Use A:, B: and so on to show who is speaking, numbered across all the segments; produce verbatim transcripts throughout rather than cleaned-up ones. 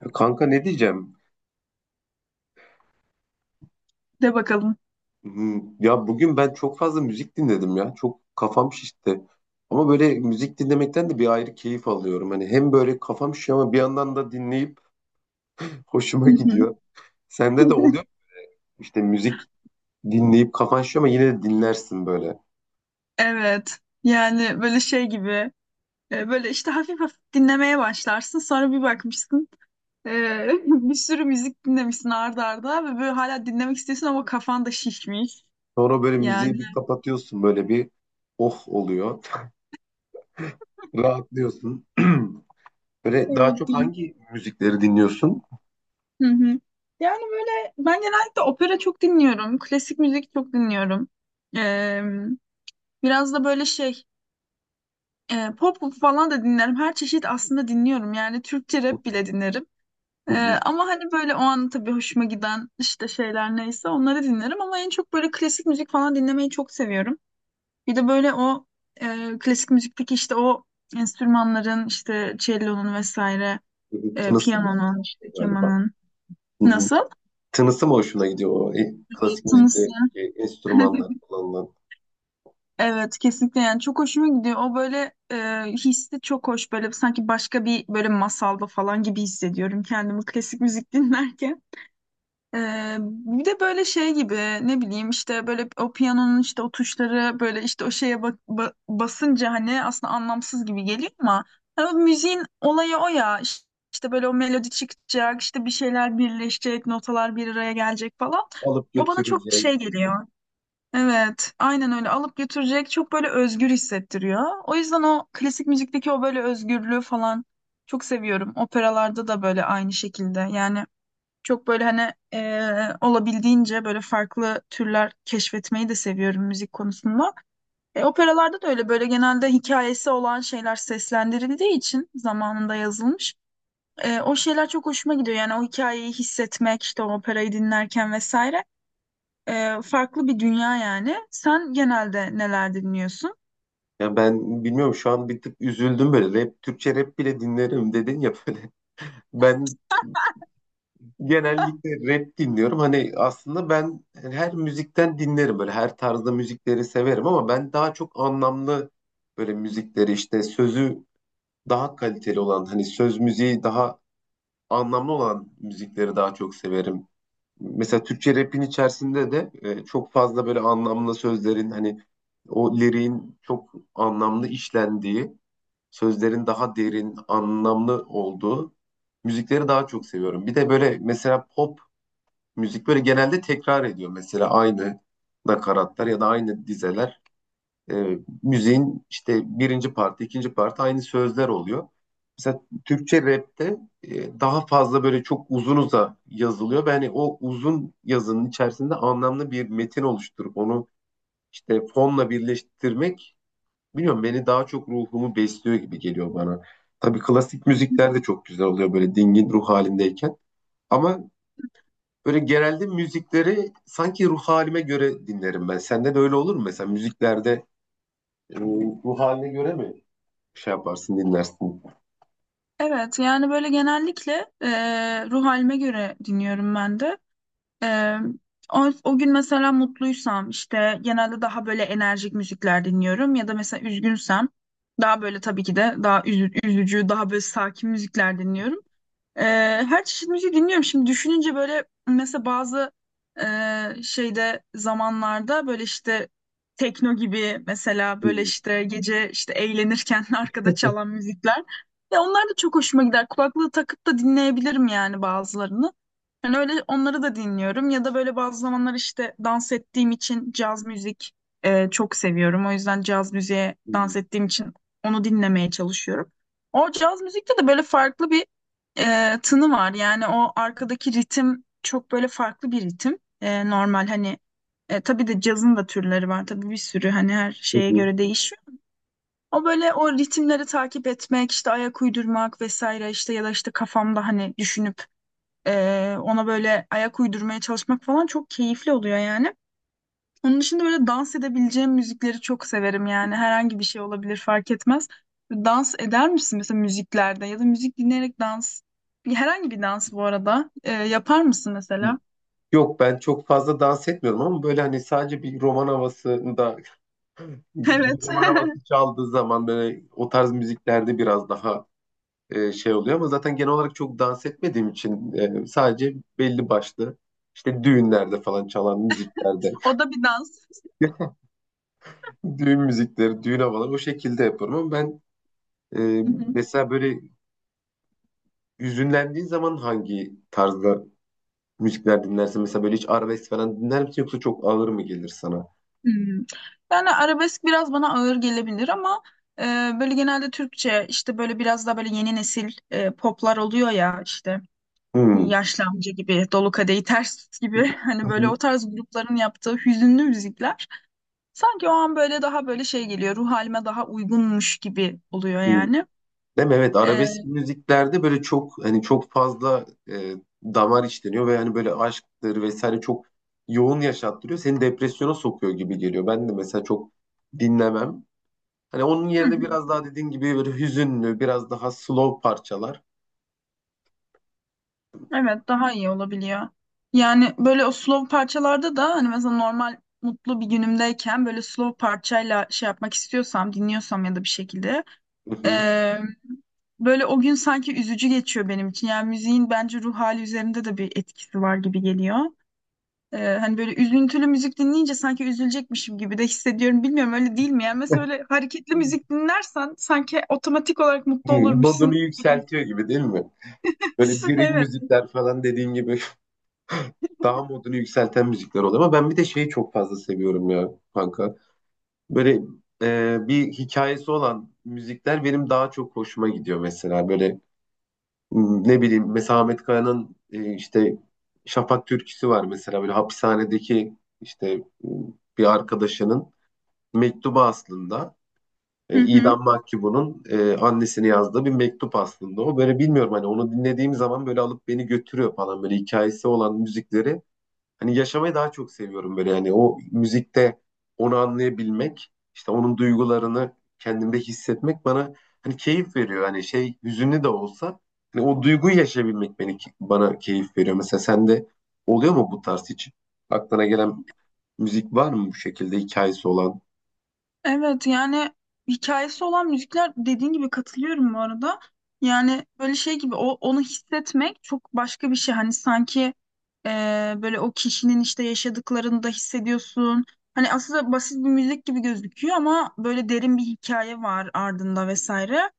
A: Ya kanka ne diyeceğim?
B: De bakalım.
A: Hmm, Ya bugün ben çok fazla müzik dinledim ya. Çok kafam şişti. Ama böyle müzik dinlemekten de bir ayrı keyif alıyorum. Hani hem böyle kafam şişiyor ama bir yandan da dinleyip hoşuma
B: Hı hı.
A: gidiyor. Sende de oluyor mu? İşte müzik dinleyip kafan şişiyor ama yine de dinlersin böyle.
B: Evet. Yani böyle şey gibi e, böyle işte hafif hafif dinlemeye başlarsın. Sonra bir bakmışsın e, bir sürü müzik dinlemişsin arda arda ve böyle hala dinlemek istiyorsun ama kafan da şişmiş.
A: Sonra böyle
B: Yani
A: müziği bir kapatıyorsun böyle bir oh oluyor. Rahatlıyorsun. Böyle daha
B: evet
A: çok
B: değil.
A: hangi müzikleri dinliyorsun?
B: Hı hı. Yani böyle ben genellikle opera çok dinliyorum. Klasik müzik çok dinliyorum. E, biraz da böyle şey e, pop falan da dinlerim. Her çeşit aslında dinliyorum. Yani Türkçe
A: Hı
B: rap bile dinlerim. Ee,
A: hı,
B: ama hani böyle o an tabii hoşuma giden işte şeyler neyse onları dinlerim ama en çok böyle klasik müzik falan dinlemeyi çok seviyorum. Bir de böyle o e, klasik müzikteki işte o enstrümanların işte cellonun vesaire, e, piyanonun, işte
A: galiba.
B: kemanın nasıl?
A: Tınısı mı hoşuna gidiyor o e, klasik
B: Tınısı.
A: müzikteki enstrümanlar kullanılan?
B: Evet kesinlikle yani çok hoşuma gidiyor. O böyle e, hissi çok hoş böyle sanki başka bir böyle masalda falan gibi hissediyorum kendimi klasik müzik dinlerken. Ee, bir de böyle şey gibi ne bileyim işte böyle o piyanonun işte o tuşları böyle işte o şeye bak- ba- basınca hani aslında anlamsız gibi geliyor ama hani o müziğin olayı o ya İş- işte böyle o melodi çıkacak işte bir şeyler birleşecek notalar bir araya gelecek falan
A: Alıp
B: o bana çok
A: götürecek.
B: şey geliyor. Evet aynen öyle alıp götürecek çok böyle özgür hissettiriyor. O yüzden o klasik müzikteki o böyle özgürlüğü falan çok seviyorum. Operalarda da böyle aynı şekilde yani. Çok böyle hani eee, olabildiğince böyle farklı türler keşfetmeyi de seviyorum müzik konusunda. E, operalarda da öyle böyle genelde hikayesi olan şeyler seslendirildiği için zamanında yazılmış. E, o şeyler çok hoşuma gidiyor. Yani o hikayeyi hissetmek, işte o operayı dinlerken vesaire. E, farklı bir dünya yani. Sen genelde neler dinliyorsun?
A: Ya ben bilmiyorum şu an bir tık üzüldüm böyle. Rap, Türkçe rap bile dinlerim dedin ya böyle. Ben genellikle rap dinliyorum. Hani aslında ben her müzikten dinlerim böyle. Her tarzda müzikleri severim ama ben daha çok anlamlı böyle müzikleri işte sözü daha kaliteli olan hani söz müziği daha anlamlı olan müzikleri daha çok severim. Mesela Türkçe rap'in içerisinde de e, çok fazla böyle anlamlı sözlerin hani o liriğin çok anlamlı işlendiği, sözlerin daha derin, anlamlı olduğu müzikleri daha çok seviyorum. Bir de böyle mesela pop müzik böyle genelde tekrar ediyor. Mesela aynı nakaratlar ya da aynı dizeler. E, Müziğin işte birinci parti, ikinci parti aynı sözler oluyor. Mesela Türkçe rapte e, daha fazla böyle çok uzunuza yazılıyor. Yani o uzun yazının içerisinde anlamlı bir metin oluşturup onu işte fonla birleştirmek bilmiyorum beni daha çok ruhumu besliyor gibi geliyor bana. Tabii klasik müzikler de çok güzel oluyor böyle dingin ruh halindeyken. Ama böyle genelde müzikleri sanki ruh halime göre dinlerim ben. Sende de öyle olur mu? Mesela müziklerde e, ruh haline göre mi şey yaparsın, dinlersin.
B: Evet yani böyle genellikle eee ruh halime göre dinliyorum ben de. Ee, o, o gün mesela mutluysam işte genelde daha böyle enerjik müzikler dinliyorum ya da mesela üzgünsem daha böyle tabii ki de daha üzü- üzücü, daha böyle sakin müzikler dinliyorum. Ee, her çeşit müziği dinliyorum. Şimdi düşününce böyle mesela bazı e, şeyde zamanlarda böyle işte tekno gibi mesela
A: Hı
B: böyle işte gece işte eğlenirken arkada çalan müzikler. Ya onlar da çok hoşuma gider. Kulaklığı takıp da dinleyebilirim yani bazılarını. Yani öyle onları da dinliyorum ya da böyle bazı zamanlar işte dans ettiğim için caz müzik e, çok seviyorum. O yüzden caz müziğe dans
A: hı,
B: ettiğim için onu dinlemeye çalışıyorum. O caz müzikte de böyle farklı bir e, tını var. Yani o arkadaki ritim çok böyle farklı bir ritim. E, normal hani e, tabii de cazın da türleri var. Tabii bir sürü hani her
A: hı
B: şeye
A: hı.
B: göre değişiyor. O böyle o ritimleri takip etmek, işte ayak uydurmak vesaire işte ya da işte kafamda hani düşünüp ee, ona böyle ayak uydurmaya çalışmak falan çok keyifli oluyor yani. Onun dışında böyle dans edebileceğim müzikleri çok severim yani. Herhangi bir şey olabilir fark etmez. Dans eder misin mesela müziklerde ya da müzik dinleyerek dans? Bir- Herhangi bir dans bu arada. Ee, yapar mısın mesela?
A: Yok, ben çok fazla dans etmiyorum ama böyle hani sadece bir roman havasında
B: Evet.
A: bir roman havası çaldığı zaman böyle o tarz müziklerde biraz daha e, şey oluyor ama zaten genel olarak çok dans etmediğim için e, sadece belli başlı işte düğünlerde falan çalan müziklerde
B: O da bir dans.
A: düğün müzikleri, düğün havaları o şekilde yapıyorum ama ben e,
B: Hı hı.
A: mesela böyle hüzünlendiğin zaman hangi tarzda müzikler dinlersin? Mesela böyle hiç arabesk falan dinler misin yoksa çok ağır mı gelir sana?
B: Hmm. Yani arabesk biraz bana ağır gelebilir ama e, böyle genelde Türkçe işte böyle biraz daha böyle yeni nesil e, poplar oluyor ya işte.
A: Hmm.
B: Yaşlı amca gibi, dolu kadehi ters gibi hani
A: Hı
B: böyle
A: hı.
B: o tarz grupların yaptığı hüzünlü müzikler sanki o an böyle daha böyle şey geliyor ruh halime daha uygunmuş gibi oluyor
A: Hmm.
B: yani.
A: Değil mi? Evet,
B: Ee,
A: arabesk müziklerde böyle çok hani çok fazla e, damar işleniyor ve hani böyle aşktır vesaire çok yoğun yaşattırıyor. Seni depresyona sokuyor gibi geliyor. Ben de mesela çok dinlemem. Hani onun
B: hı
A: yerine
B: hı,
A: biraz daha dediğin gibi böyle hüzünlü, biraz daha slow parçalar.
B: evet daha iyi olabiliyor. Yani böyle o slow parçalarda da hani mesela normal mutlu bir günümdeyken böyle slow parçayla şey yapmak istiyorsam dinliyorsam ya da bir şekilde
A: Hı hı.
B: ee, böyle o gün sanki üzücü geçiyor benim için. Yani müziğin bence ruh hali üzerinde de bir etkisi var gibi geliyor. Ee, hani böyle üzüntülü müzik dinleyince sanki üzülecekmişim gibi de hissediyorum. Bilmiyorum öyle değil mi? Yani mesela öyle hareketli müzik dinlersen sanki otomatik olarak mutlu
A: Hı, modunu
B: olurmuşsun gibi.
A: yükseltiyor gibi değil mi? Böyle drill
B: Evet.
A: müzikler falan dediğin gibi. Daha modunu yükselten müzikler oluyor. Ama ben bir de şeyi çok fazla seviyorum ya kanka. Böyle e, bir hikayesi olan müzikler benim daha çok hoşuma gidiyor mesela. Böyle m, ne bileyim mesela Ahmet Kaya'nın e, işte Şafak türküsü var mesela. Böyle hapishanedeki işte m, bir arkadaşının mektubu aslında.
B: Hı
A: E,
B: hı.
A: idam mahkumunun e, annesine yazdığı bir mektup aslında o. Böyle bilmiyorum hani onu dinlediğim zaman böyle alıp beni götürüyor falan. Böyle hikayesi olan müzikleri hani yaşamayı daha çok seviyorum böyle, yani o müzikte onu anlayabilmek, işte onun duygularını kendimde hissetmek bana hani keyif veriyor. Hani şey hüzünlü de olsa hani o duyguyu yaşayabilmek beni bana keyif veriyor. Mesela sende oluyor mu bu tarz hiç? Aklına gelen müzik var mı bu şekilde hikayesi olan?
B: Evet yani hikayesi olan müzikler dediğin gibi katılıyorum bu arada. Yani böyle şey gibi o, onu hissetmek çok başka bir şey. Hani sanki e, böyle o kişinin işte yaşadıklarını da hissediyorsun. Hani aslında basit bir müzik gibi gözüküyor ama böyle derin bir hikaye var ardında vesaire.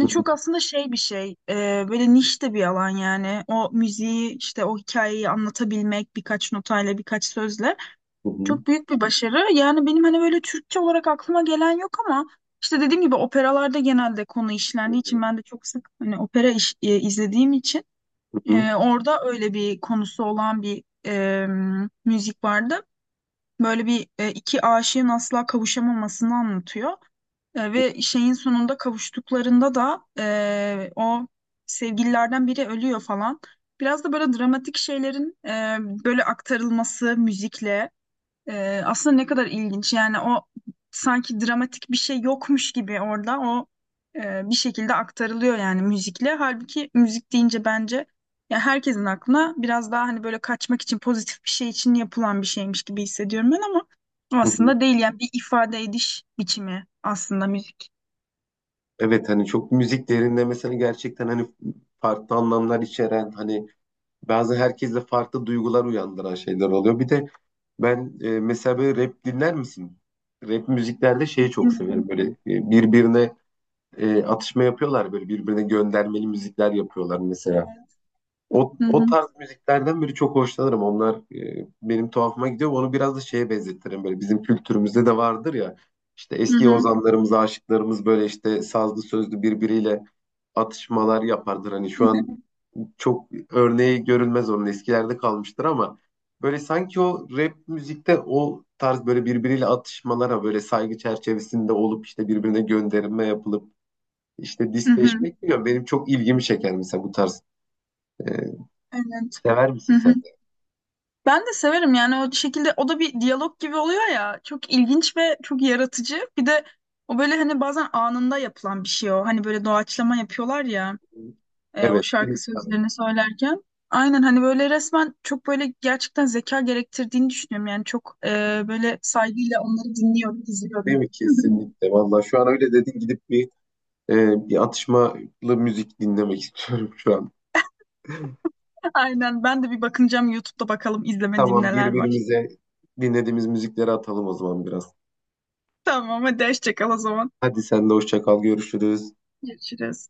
A: Hı hı,
B: çok aslında şey bir şey, e, böyle niş de bir alan yani. O müziği işte o hikayeyi anlatabilmek birkaç notayla birkaç sözle
A: hı hı,
B: çok büyük bir başarı. Yani benim hani böyle Türkçe olarak aklıma gelen yok ama işte dediğim gibi operalarda genelde konu işlendiği için ben de çok sık hani opera iş- e, izlediğim için
A: hı hı,
B: e, orada öyle bir konusu olan bir e, müzik vardı. Böyle bir e, iki aşığın asla kavuşamamasını anlatıyor. E, ve şeyin sonunda kavuştuklarında da e, o sevgililerden biri ölüyor falan. Biraz da böyle dramatik şeylerin e, böyle aktarılması müzikle. Ee, aslında ne kadar ilginç. Yani o sanki dramatik bir şey yokmuş gibi orada o e, bir şekilde aktarılıyor yani müzikle. Halbuki müzik deyince bence ya herkesin aklına biraz daha hani böyle kaçmak için pozitif bir şey için yapılan bir şeymiş gibi hissediyorum ben ama
A: hı hı.
B: aslında değil yani bir ifade ediş biçimi aslında müzik.
A: Evet, hani çok müzik değerinde mesela gerçekten hani farklı anlamlar içeren hani bazı herkeste farklı duygular uyandıran şeyler oluyor. Bir de ben e, mesela böyle rap dinler misin? Rap müziklerde şeyi çok
B: Dinledim.
A: severim. Böyle e, birbirine e, atışma yapıyorlar. Böyle birbirine göndermeli müzikler yapıyorlar mesela.
B: Evet.
A: O,
B: Hı
A: o
B: hı.
A: tarz müziklerden biri çok hoşlanırım. Onlar e, benim tuhafıma gidiyor. Onu biraz da şeye benzetirim. Böyle bizim kültürümüzde de vardır ya. İşte
B: Hı
A: eski
B: hı.
A: ozanlarımız, aşıklarımız böyle işte sazlı sözlü birbiriyle atışmalar yapardır. Hani şu an çok örneği görülmez onun, eskilerde kalmıştır ama böyle sanki o rap müzikte o tarz böyle birbiriyle atışmalara böyle saygı çerçevesinde olup işte birbirine gönderme yapılıp işte
B: Hı hı.
A: disleşmek diyor. Benim çok ilgimi çeker mesela bu tarz. E,
B: Evet.
A: Sever misin
B: Hı hı.
A: sen
B: Evet.
A: de?
B: Ben de severim yani o şekilde o da bir diyalog gibi oluyor ya çok ilginç ve çok yaratıcı bir de o böyle hani bazen anında yapılan bir şey o hani böyle doğaçlama yapıyorlar ya e, o
A: Evet,
B: şarkı
A: freestyle.
B: sözlerini söylerken aynen hani böyle resmen çok böyle gerçekten zeka gerektirdiğini düşünüyorum yani çok e, böyle saygıyla onları dinliyorum
A: Değil
B: izliyorum.
A: mi? Kesinlikle. Vallahi şu an öyle dedin, gidip bir e, bir atışmalı müzik dinlemek istiyorum şu an.
B: Aynen ben de bir bakınacağım YouTube'da bakalım izlemediğim
A: Tamam,
B: neler var.
A: birbirimize dinlediğimiz müzikleri atalım o zaman biraz.
B: Tamam hadi hoşça kal o zaman.
A: Hadi sen de hoşça kal, görüşürüz.
B: Görüşürüz.